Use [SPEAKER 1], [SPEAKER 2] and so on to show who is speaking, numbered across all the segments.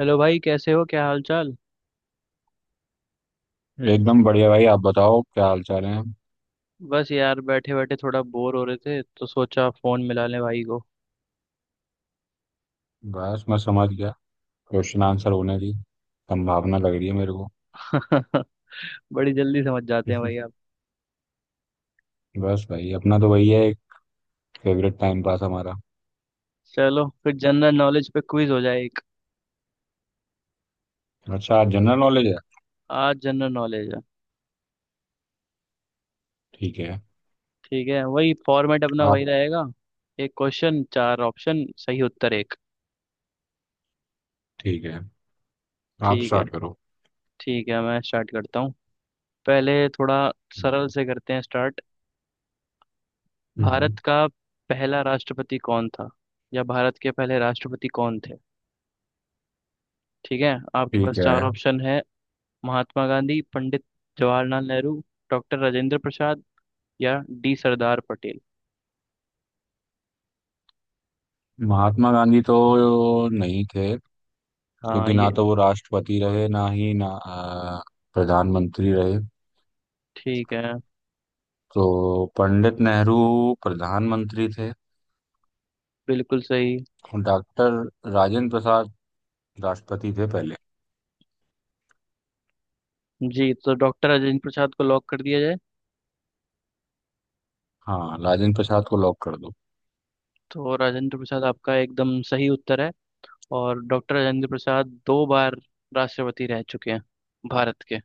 [SPEAKER 1] Hello भाई, कैसे हो, क्या हाल चाल।
[SPEAKER 2] एकदम बढ़िया भाई आप बताओ क्या हाल चाल है।
[SPEAKER 1] बस यार बैठे बैठे थोड़ा बोर हो रहे थे तो सोचा फोन मिला लें भाई को।
[SPEAKER 2] बस मैं समझ गया। क्वेश्चन आंसर होने की संभावना लग रही है मेरे को।
[SPEAKER 1] बड़ी जल्दी समझ जाते हैं भाई आप।
[SPEAKER 2] बस भाई अपना तो वही है एक फेवरेट टाइम पास हमारा।
[SPEAKER 1] चलो फिर जनरल नॉलेज पे क्विज हो जाए एक।
[SPEAKER 2] अच्छा आज जनरल नॉलेज है।
[SPEAKER 1] आज जनरल नॉलेज है।
[SPEAKER 2] ठीक है।
[SPEAKER 1] ठीक है, वही फॉर्मेट अपना वही
[SPEAKER 2] आप।
[SPEAKER 1] रहेगा। एक क्वेश्चन, चार ऑप्शन, सही उत्तर एक।
[SPEAKER 2] ठीक है। आप
[SPEAKER 1] ठीक है,
[SPEAKER 2] स्टार्ट करो।
[SPEAKER 1] ठीक है, मैं स्टार्ट करता हूँ। पहले थोड़ा सरल से करते हैं स्टार्ट। भारत
[SPEAKER 2] हम्म।
[SPEAKER 1] का पहला राष्ट्रपति कौन था, या भारत के पहले राष्ट्रपति कौन थे। ठीक है, आपके पास
[SPEAKER 2] ठीक
[SPEAKER 1] चार
[SPEAKER 2] है।
[SPEAKER 1] ऑप्शन है। महात्मा गांधी, पंडित जवाहरलाल नेहरू, डॉक्टर राजेंद्र प्रसाद, या डी सरदार पटेल।
[SPEAKER 2] महात्मा गांधी तो नहीं थे
[SPEAKER 1] हाँ
[SPEAKER 2] क्योंकि
[SPEAKER 1] ये
[SPEAKER 2] ना तो वो राष्ट्रपति रहे ना ही ना प्रधानमंत्री रहे।
[SPEAKER 1] ठीक है,
[SPEAKER 2] तो पंडित नेहरू प्रधानमंत्री थे।
[SPEAKER 1] बिल्कुल सही।
[SPEAKER 2] डॉक्टर राजेंद्र प्रसाद राष्ट्रपति थे पहले।
[SPEAKER 1] जी, तो डॉक्टर राजेंद्र प्रसाद को लॉक कर दिया जाए।
[SPEAKER 2] हाँ, राजेंद्र प्रसाद को लॉक कर दो।
[SPEAKER 1] तो राजेंद्र प्रसाद आपका एकदम सही उत्तर है। और डॉक्टर राजेंद्र प्रसाद दो बार राष्ट्रपति रह चुके हैं भारत के।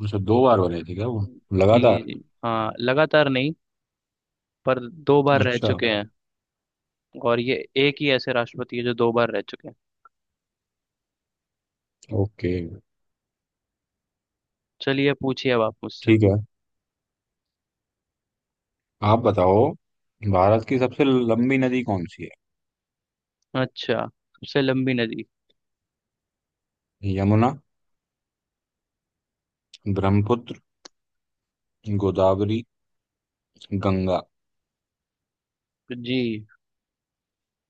[SPEAKER 2] उनसे 2 बार बने थे क्या वो
[SPEAKER 1] जी
[SPEAKER 2] लगातार?
[SPEAKER 1] जी हाँ, लगातार नहीं, पर दो बार रह
[SPEAKER 2] अच्छा।
[SPEAKER 1] चुके हैं। और ये एक ही ऐसे राष्ट्रपति है जो दो बार रह चुके हैं।
[SPEAKER 2] ओके।
[SPEAKER 1] चलिए पूछिए अब आप मुझसे।
[SPEAKER 2] ठीक है, आप बताओ। भारत की सबसे लंबी नदी कौन सी
[SPEAKER 1] अच्छा, सबसे लंबी नदी।
[SPEAKER 2] है? यमुना, ब्रह्मपुत्र, गोदावरी, गंगा।
[SPEAKER 1] जी,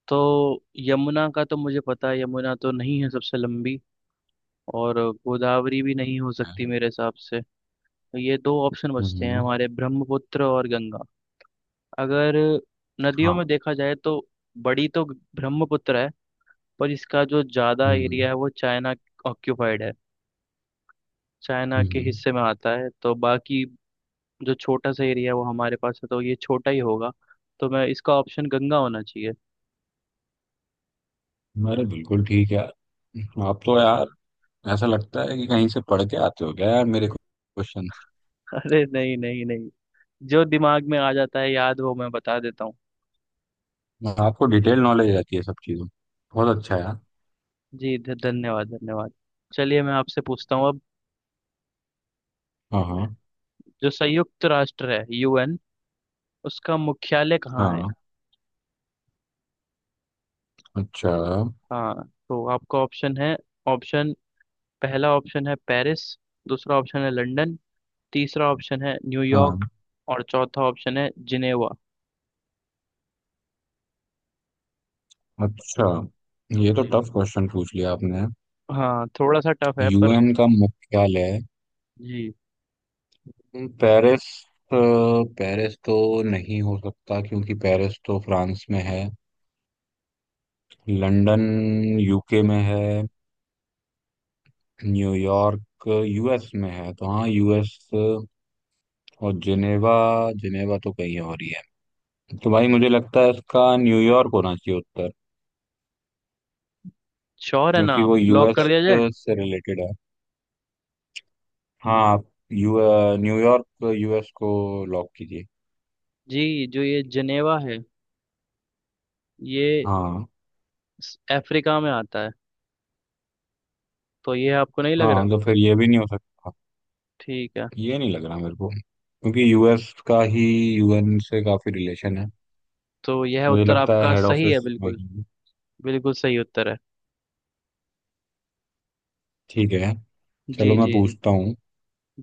[SPEAKER 1] तो यमुना का तो मुझे पता है, यमुना तो नहीं है सबसे लंबी। और गोदावरी भी नहीं हो सकती मेरे हिसाब से। तो ये दो ऑप्शन बचते हैं
[SPEAKER 2] हम्म।
[SPEAKER 1] हमारे, ब्रह्मपुत्र और गंगा। अगर नदियों
[SPEAKER 2] हाँ।
[SPEAKER 1] में देखा जाए तो बड़ी तो ब्रह्मपुत्र है, पर इसका जो ज़्यादा एरिया
[SPEAKER 2] हम्म।
[SPEAKER 1] है वो चाइना ऑक्यूपाइड है, चाइना के
[SPEAKER 2] हम्म।
[SPEAKER 1] हिस्से में आता है। तो बाकी जो छोटा सा एरिया है वो हमारे पास है, तो ये छोटा ही होगा। तो मैं, इसका ऑप्शन गंगा होना चाहिए।
[SPEAKER 2] अरे बिल्कुल ठीक है। आप तो यार, ऐसा लगता है कि कहीं से पढ़ के आते हो क्या यार मेरे क्वेश्चन।
[SPEAKER 1] अरे नहीं नहीं नहीं, जो दिमाग में आ जाता है याद वो मैं बता देता हूँ।
[SPEAKER 2] आपको डिटेल नॉलेज रहती है सब चीजों की। बहुत अच्छा यार।
[SPEAKER 1] जी, धन्यवाद धन्यवाद। चलिए मैं आपसे पूछता हूँ अब।
[SPEAKER 2] हाँ, हाँ,
[SPEAKER 1] जो संयुक्त राष्ट्र है, यूएन, उसका मुख्यालय कहाँ है।
[SPEAKER 2] हाँ। अच्छा।
[SPEAKER 1] हाँ तो आपका ऑप्शन है। ऑप्शन, पहला ऑप्शन है पेरिस, दूसरा ऑप्शन है लंदन, तीसरा ऑप्शन है
[SPEAKER 2] हाँ।
[SPEAKER 1] न्यूयॉर्क, और चौथा ऑप्शन है जिनेवा।
[SPEAKER 2] अच्छा, ये तो
[SPEAKER 1] जी,
[SPEAKER 2] टफ क्वेश्चन पूछ लिया आपने।
[SPEAKER 1] हाँ थोड़ा सा टफ है पर।
[SPEAKER 2] यूएन का मुख्यालय?
[SPEAKER 1] जी,
[SPEAKER 2] पेरिस, अ, पेरिस तो नहीं हो सकता क्योंकि पेरिस तो फ्रांस में है। लंदन यूके में है। न्यूयॉर्क यूएस में है, तो हाँ, यूएस। और जिनेवा। जिनेवा तो कहीं और ही है। तो भाई मुझे लगता है इसका न्यूयॉर्क होना चाहिए उत्तर।
[SPEAKER 1] श्योर है ना
[SPEAKER 2] क्योंकि
[SPEAKER 1] आप,
[SPEAKER 2] वो
[SPEAKER 1] लॉक कर
[SPEAKER 2] यूएस
[SPEAKER 1] दिया जाए।
[SPEAKER 2] से रिलेटेड है। हाँ, आप यू न्यूयॉर्क यूएस को लॉक कीजिए।
[SPEAKER 1] जी, जो ये जिनेवा है, ये
[SPEAKER 2] हाँ,
[SPEAKER 1] अफ्रीका में आता है, तो ये आपको नहीं लग
[SPEAKER 2] हाँ।
[SPEAKER 1] रहा।
[SPEAKER 2] तो फिर ये भी नहीं हो सकता।
[SPEAKER 1] ठीक है,
[SPEAKER 2] ये नहीं लग रहा मेरे को क्योंकि यूएस का ही यूएन से काफी रिलेशन है।
[SPEAKER 1] तो यह
[SPEAKER 2] मुझे
[SPEAKER 1] उत्तर
[SPEAKER 2] लगता है
[SPEAKER 1] आपका
[SPEAKER 2] हेड
[SPEAKER 1] सही है
[SPEAKER 2] ऑफिस
[SPEAKER 1] बिल्कुल।
[SPEAKER 2] वहीं है।
[SPEAKER 1] बिल्कुल सही उत्तर है।
[SPEAKER 2] ठीक है। चलो
[SPEAKER 1] जी
[SPEAKER 2] मैं
[SPEAKER 1] जी जी।
[SPEAKER 2] पूछता हूँ।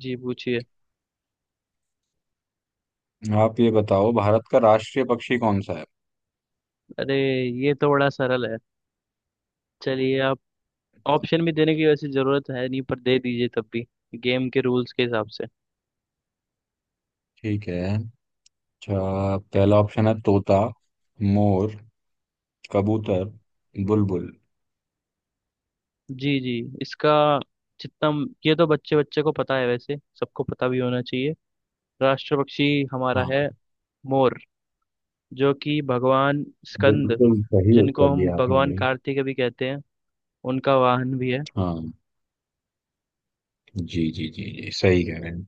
[SPEAKER 1] जी पूछिए।
[SPEAKER 2] आप ये बताओ भारत का राष्ट्रीय पक्षी कौन सा है?
[SPEAKER 1] अरे, ये तो बड़ा सरल है। चलिए आप ऑप्शन भी देने की वैसे जरूरत है नहीं, पर दे दीजिए तब भी, गेम के रूल्स के हिसाब से।
[SPEAKER 2] ठीक है। अच्छा, पहला ऑप्शन है तोता, मोर, कबूतर, बुलबुल।
[SPEAKER 1] जी जी, इसका जितना, ये तो बच्चे बच्चे को पता है वैसे, सबको पता भी होना चाहिए। राष्ट्र पक्षी हमारा
[SPEAKER 2] हाँ।
[SPEAKER 1] है मोर। जो कि भगवान स्कंद,
[SPEAKER 2] बिल्कुल सही
[SPEAKER 1] जिनको
[SPEAKER 2] उत्तर
[SPEAKER 1] हम
[SPEAKER 2] दिया आपने
[SPEAKER 1] भगवान
[SPEAKER 2] भाई।
[SPEAKER 1] कार्तिक भी कहते हैं, उनका वाहन भी है।
[SPEAKER 2] हाँ, जी जी जी जी, सही कह रहे हैं।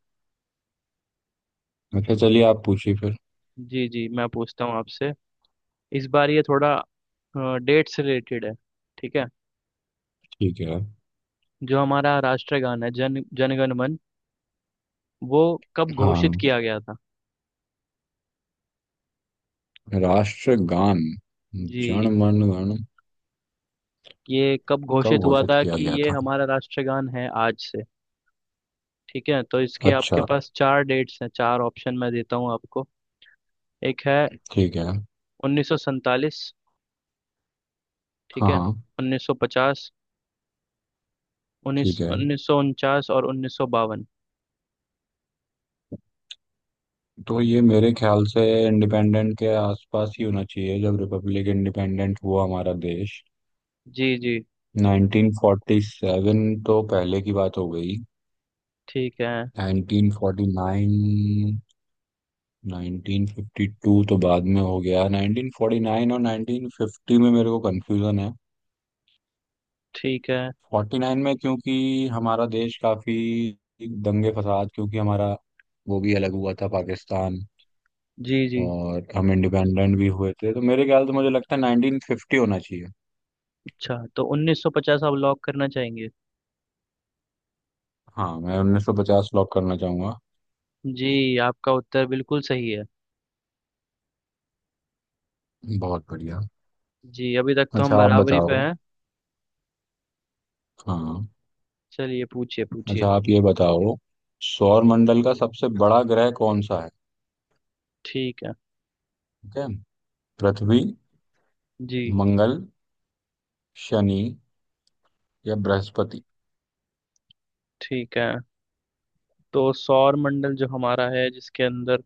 [SPEAKER 2] अच्छा, चलिए आप पूछिए फिर।
[SPEAKER 1] जी जी, मैं पूछता हूँ आपसे। इस बार ये थोड़ा डेट से रिलेटेड है, ठीक है।
[SPEAKER 2] ठीक है।
[SPEAKER 1] जो हमारा राष्ट्रगान है, जन जनगण मन, वो कब घोषित
[SPEAKER 2] हाँ।
[SPEAKER 1] किया गया था।
[SPEAKER 2] राष्ट्रगान जन
[SPEAKER 1] जी,
[SPEAKER 2] गण मन गण
[SPEAKER 1] ये कब
[SPEAKER 2] कब
[SPEAKER 1] घोषित हुआ
[SPEAKER 2] घोषित
[SPEAKER 1] था
[SPEAKER 2] किया
[SPEAKER 1] कि
[SPEAKER 2] गया
[SPEAKER 1] ये
[SPEAKER 2] था?
[SPEAKER 1] हमारा राष्ट्रगान है आज से। ठीक है, तो इसके आपके
[SPEAKER 2] अच्छा।
[SPEAKER 1] पास चार डेट्स हैं, चार ऑप्शन मैं देता हूँ आपको। एक है
[SPEAKER 2] ठीक है।
[SPEAKER 1] 1947, ठीक
[SPEAKER 2] हाँ,
[SPEAKER 1] है,
[SPEAKER 2] हाँ।
[SPEAKER 1] 1950, उन्नीस
[SPEAKER 2] ठीक है।
[SPEAKER 1] 1949 और 1952।
[SPEAKER 2] तो ये मेरे ख्याल से इंडिपेंडेंट के आसपास ही होना चाहिए, जब रिपब्लिक इंडिपेंडेंट हुआ हमारा देश।
[SPEAKER 1] जी जी,
[SPEAKER 2] 1947 तो पहले की बात हो गई।
[SPEAKER 1] ठीक है,
[SPEAKER 2] 1949, 1952 तो बाद में हो गया। 1949 और 1950 में मेरे को कंफ्यूजन है।
[SPEAKER 1] ठीक है,
[SPEAKER 2] फोर्टी नाइन में क्योंकि हमारा देश काफी दंगे फसाद, क्योंकि हमारा वो भी अलग हुआ था पाकिस्तान
[SPEAKER 1] जी जी।
[SPEAKER 2] और हम इंडिपेंडेंट भी हुए थे, तो मेरे ख्याल से मुझे लगता है नाइनटीन फिफ्टी होना चाहिए।
[SPEAKER 1] अच्छा, तो 1950 आप लॉक करना चाहेंगे।
[SPEAKER 2] हाँ, मैं उन्नीस सौ पचास लॉक करना चाहूंगा।
[SPEAKER 1] जी आपका उत्तर बिल्कुल सही है।
[SPEAKER 2] बहुत बढ़िया।
[SPEAKER 1] जी, अभी तक तो हम
[SPEAKER 2] अच्छा, आप
[SPEAKER 1] बराबरी पे
[SPEAKER 2] बताओ।
[SPEAKER 1] हैं।
[SPEAKER 2] हाँ।
[SPEAKER 1] चलिए पूछिए
[SPEAKER 2] अच्छा,
[SPEAKER 1] पूछिए।
[SPEAKER 2] आप ये बताओ सौर मंडल का सबसे बड़ा ग्रह कौन सा है?
[SPEAKER 1] ठीक है
[SPEAKER 2] ठीक है। पृथ्वी,
[SPEAKER 1] जी,
[SPEAKER 2] मंगल, शनि या बृहस्पति।
[SPEAKER 1] ठीक है। तो सौर मंडल जो हमारा है, जिसके अंदर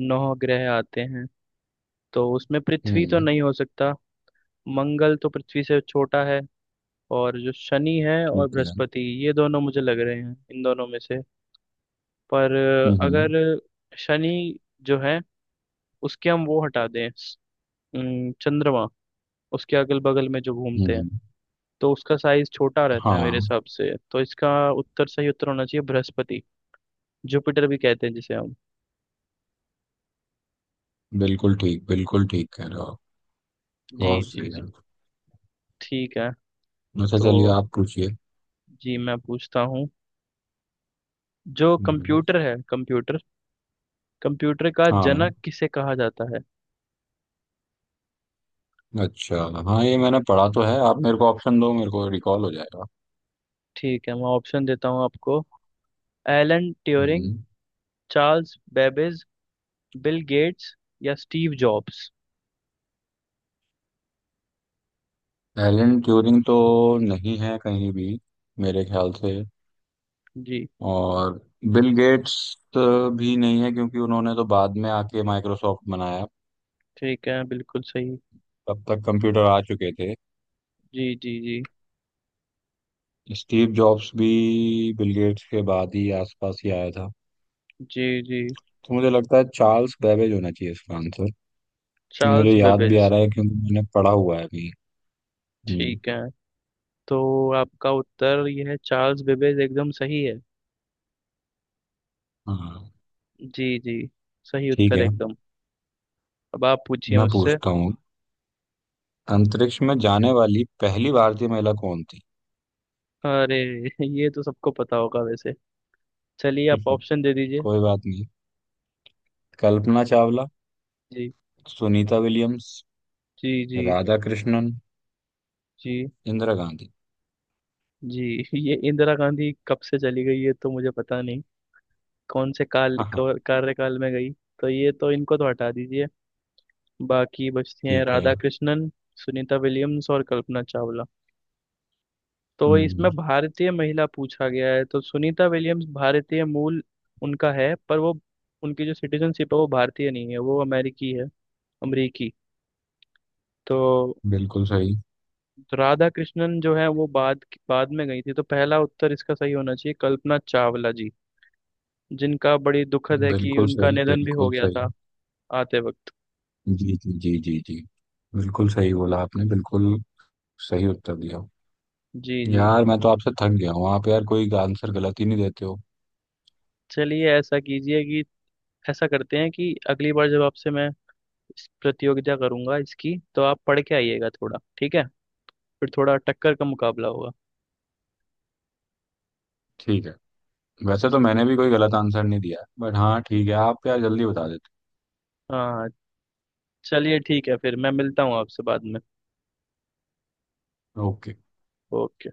[SPEAKER 1] नौ ग्रह आते हैं, तो उसमें पृथ्वी तो
[SPEAKER 2] हम्म।
[SPEAKER 1] नहीं हो सकता। मंगल तो पृथ्वी से छोटा है। और जो शनि है और
[SPEAKER 2] ठीक है।
[SPEAKER 1] बृहस्पति, ये दोनों मुझे लग रहे हैं, इन दोनों में से। पर
[SPEAKER 2] हम्म। हम्म।
[SPEAKER 1] अगर शनि जो है, उसके हम वो हटा दें, चंद्रमा उसके अगल बगल में जो घूमते हैं,
[SPEAKER 2] हम्म।
[SPEAKER 1] तो उसका साइज छोटा रहता है मेरे
[SPEAKER 2] हाँ,
[SPEAKER 1] हिसाब से। तो इसका उत्तर, सही उत्तर होना चाहिए बृहस्पति, जुपिटर भी कहते हैं जिसे हम।
[SPEAKER 2] बिल्कुल ठीक, बिल्कुल ठीक कह रहे हो आप।
[SPEAKER 1] जी
[SPEAKER 2] बहुत
[SPEAKER 1] जी
[SPEAKER 2] सही है।
[SPEAKER 1] जी, ठीक है।
[SPEAKER 2] अच्छा, चलिए
[SPEAKER 1] तो
[SPEAKER 2] आप पूछिए।
[SPEAKER 1] जी मैं पूछता हूँ। जो
[SPEAKER 2] हम्म।
[SPEAKER 1] कंप्यूटर है, कंप्यूटर, कंप्यूटर का
[SPEAKER 2] हाँ।
[SPEAKER 1] जनक किसे कहा जाता है।
[SPEAKER 2] अच्छा। हाँ, ये मैंने पढ़ा तो है, आप मेरे को ऑप्शन दो, मेरे को रिकॉल हो जाएगा।
[SPEAKER 1] ठीक है, मैं ऑप्शन देता हूँ आपको। एलन ट्यूरिंग,
[SPEAKER 2] हम्म।
[SPEAKER 1] चार्ल्स बेबेज, बिल गेट्स, या स्टीव जॉब्स।
[SPEAKER 2] एलन ट्यूरिंग तो नहीं है कहीं भी मेरे ख्याल से।
[SPEAKER 1] जी,
[SPEAKER 2] और बिल गेट्स भी नहीं है क्योंकि उन्होंने तो बाद में आके माइक्रोसॉफ्ट बनाया।
[SPEAKER 1] ठीक है बिल्कुल सही।
[SPEAKER 2] तब तक कंप्यूटर आ चुके थे।
[SPEAKER 1] जी जी जी
[SPEAKER 2] स्टीव जॉब्स भी बिल गेट्स के बाद ही आसपास ही आया था।
[SPEAKER 1] जी जी।
[SPEAKER 2] तो मुझे लगता है चार्ल्स बेबेज होना चाहिए इसका आंसर। मुझे
[SPEAKER 1] चार्ल्स
[SPEAKER 2] याद भी आ
[SPEAKER 1] बेबेज,
[SPEAKER 2] रहा है क्योंकि मैंने पढ़ा हुआ है अभी। हम्म।
[SPEAKER 1] ठीक है। तो आपका उत्तर यह है, चार्ल्स बेबेज एकदम सही है।
[SPEAKER 2] हाँ।
[SPEAKER 1] जी जी, सही
[SPEAKER 2] ठीक
[SPEAKER 1] उत्तर
[SPEAKER 2] है।
[SPEAKER 1] एकदम। अब आप पूछिए
[SPEAKER 2] मैं
[SPEAKER 1] मुझसे।
[SPEAKER 2] पूछता हूँ अंतरिक्ष में जाने वाली पहली भारतीय महिला कौन थी?
[SPEAKER 1] अरे ये तो सबको पता होगा वैसे। चलिए आप ऑप्शन दे दीजिए।
[SPEAKER 2] कोई बात नहीं। कल्पना चावला,
[SPEAKER 1] जी
[SPEAKER 2] सुनीता विलियम्स,
[SPEAKER 1] जी जी
[SPEAKER 2] राधा कृष्णन,
[SPEAKER 1] जी
[SPEAKER 2] इंदिरा गांधी।
[SPEAKER 1] जी। ये इंदिरा गांधी कब से चली गई, ये तो मुझे पता नहीं, कौन से काल
[SPEAKER 2] हाँ, हाँ।
[SPEAKER 1] कार्यकाल में गई। तो ये तो इनको तो हटा दीजिए। बाकी बचती हैं
[SPEAKER 2] ठीक
[SPEAKER 1] राधा
[SPEAKER 2] है।
[SPEAKER 1] कृष्णन, सुनीता विलियम्स और कल्पना चावला। तो इसमें
[SPEAKER 2] हम्म।
[SPEAKER 1] भारतीय महिला पूछा गया है, तो सुनीता विलियम्स भारतीय मूल उनका है, पर वो, उनकी जो सिटीजनशिप है वो भारतीय नहीं है, वो अमेरिकी है, अमरीकी। तो
[SPEAKER 2] बिल्कुल सही,
[SPEAKER 1] तो राधा कृष्णन जो है वो बाद बाद में गई थी, तो पहला उत्तर इसका सही होना चाहिए कल्पना चावला जी, जिनका बड़ी दुखद है कि
[SPEAKER 2] बिल्कुल
[SPEAKER 1] उनका
[SPEAKER 2] सही,
[SPEAKER 1] निधन भी हो
[SPEAKER 2] बिल्कुल
[SPEAKER 1] गया
[SPEAKER 2] सही।
[SPEAKER 1] था आते वक्त।
[SPEAKER 2] जी जी जी जी जी, बिल्कुल सही बोला आपने, बिल्कुल सही उत्तर दिया।
[SPEAKER 1] जी जी।
[SPEAKER 2] यार, मैं तो आपसे थक गया हूँ, आप यार कोई आंसर गलत ही नहीं देते हो।
[SPEAKER 1] चलिए ऐसा कीजिए कि, ऐसा करते हैं कि अगली बार जब आपसे मैं इस प्रतियोगिता करूंगा इसकी, तो आप पढ़ के आइएगा थोड़ा, ठीक है। फिर थोड़ा टक्कर का मुकाबला होगा।
[SPEAKER 2] ठीक है। वैसे तो मैंने भी कोई गलत आंसर नहीं दिया, बट हाँ ठीक है, आप यार जल्दी बता देते।
[SPEAKER 1] हाँ, चलिए ठीक है, फिर मैं मिलता हूँ आपसे बाद में।
[SPEAKER 2] ओके।
[SPEAKER 1] ओके।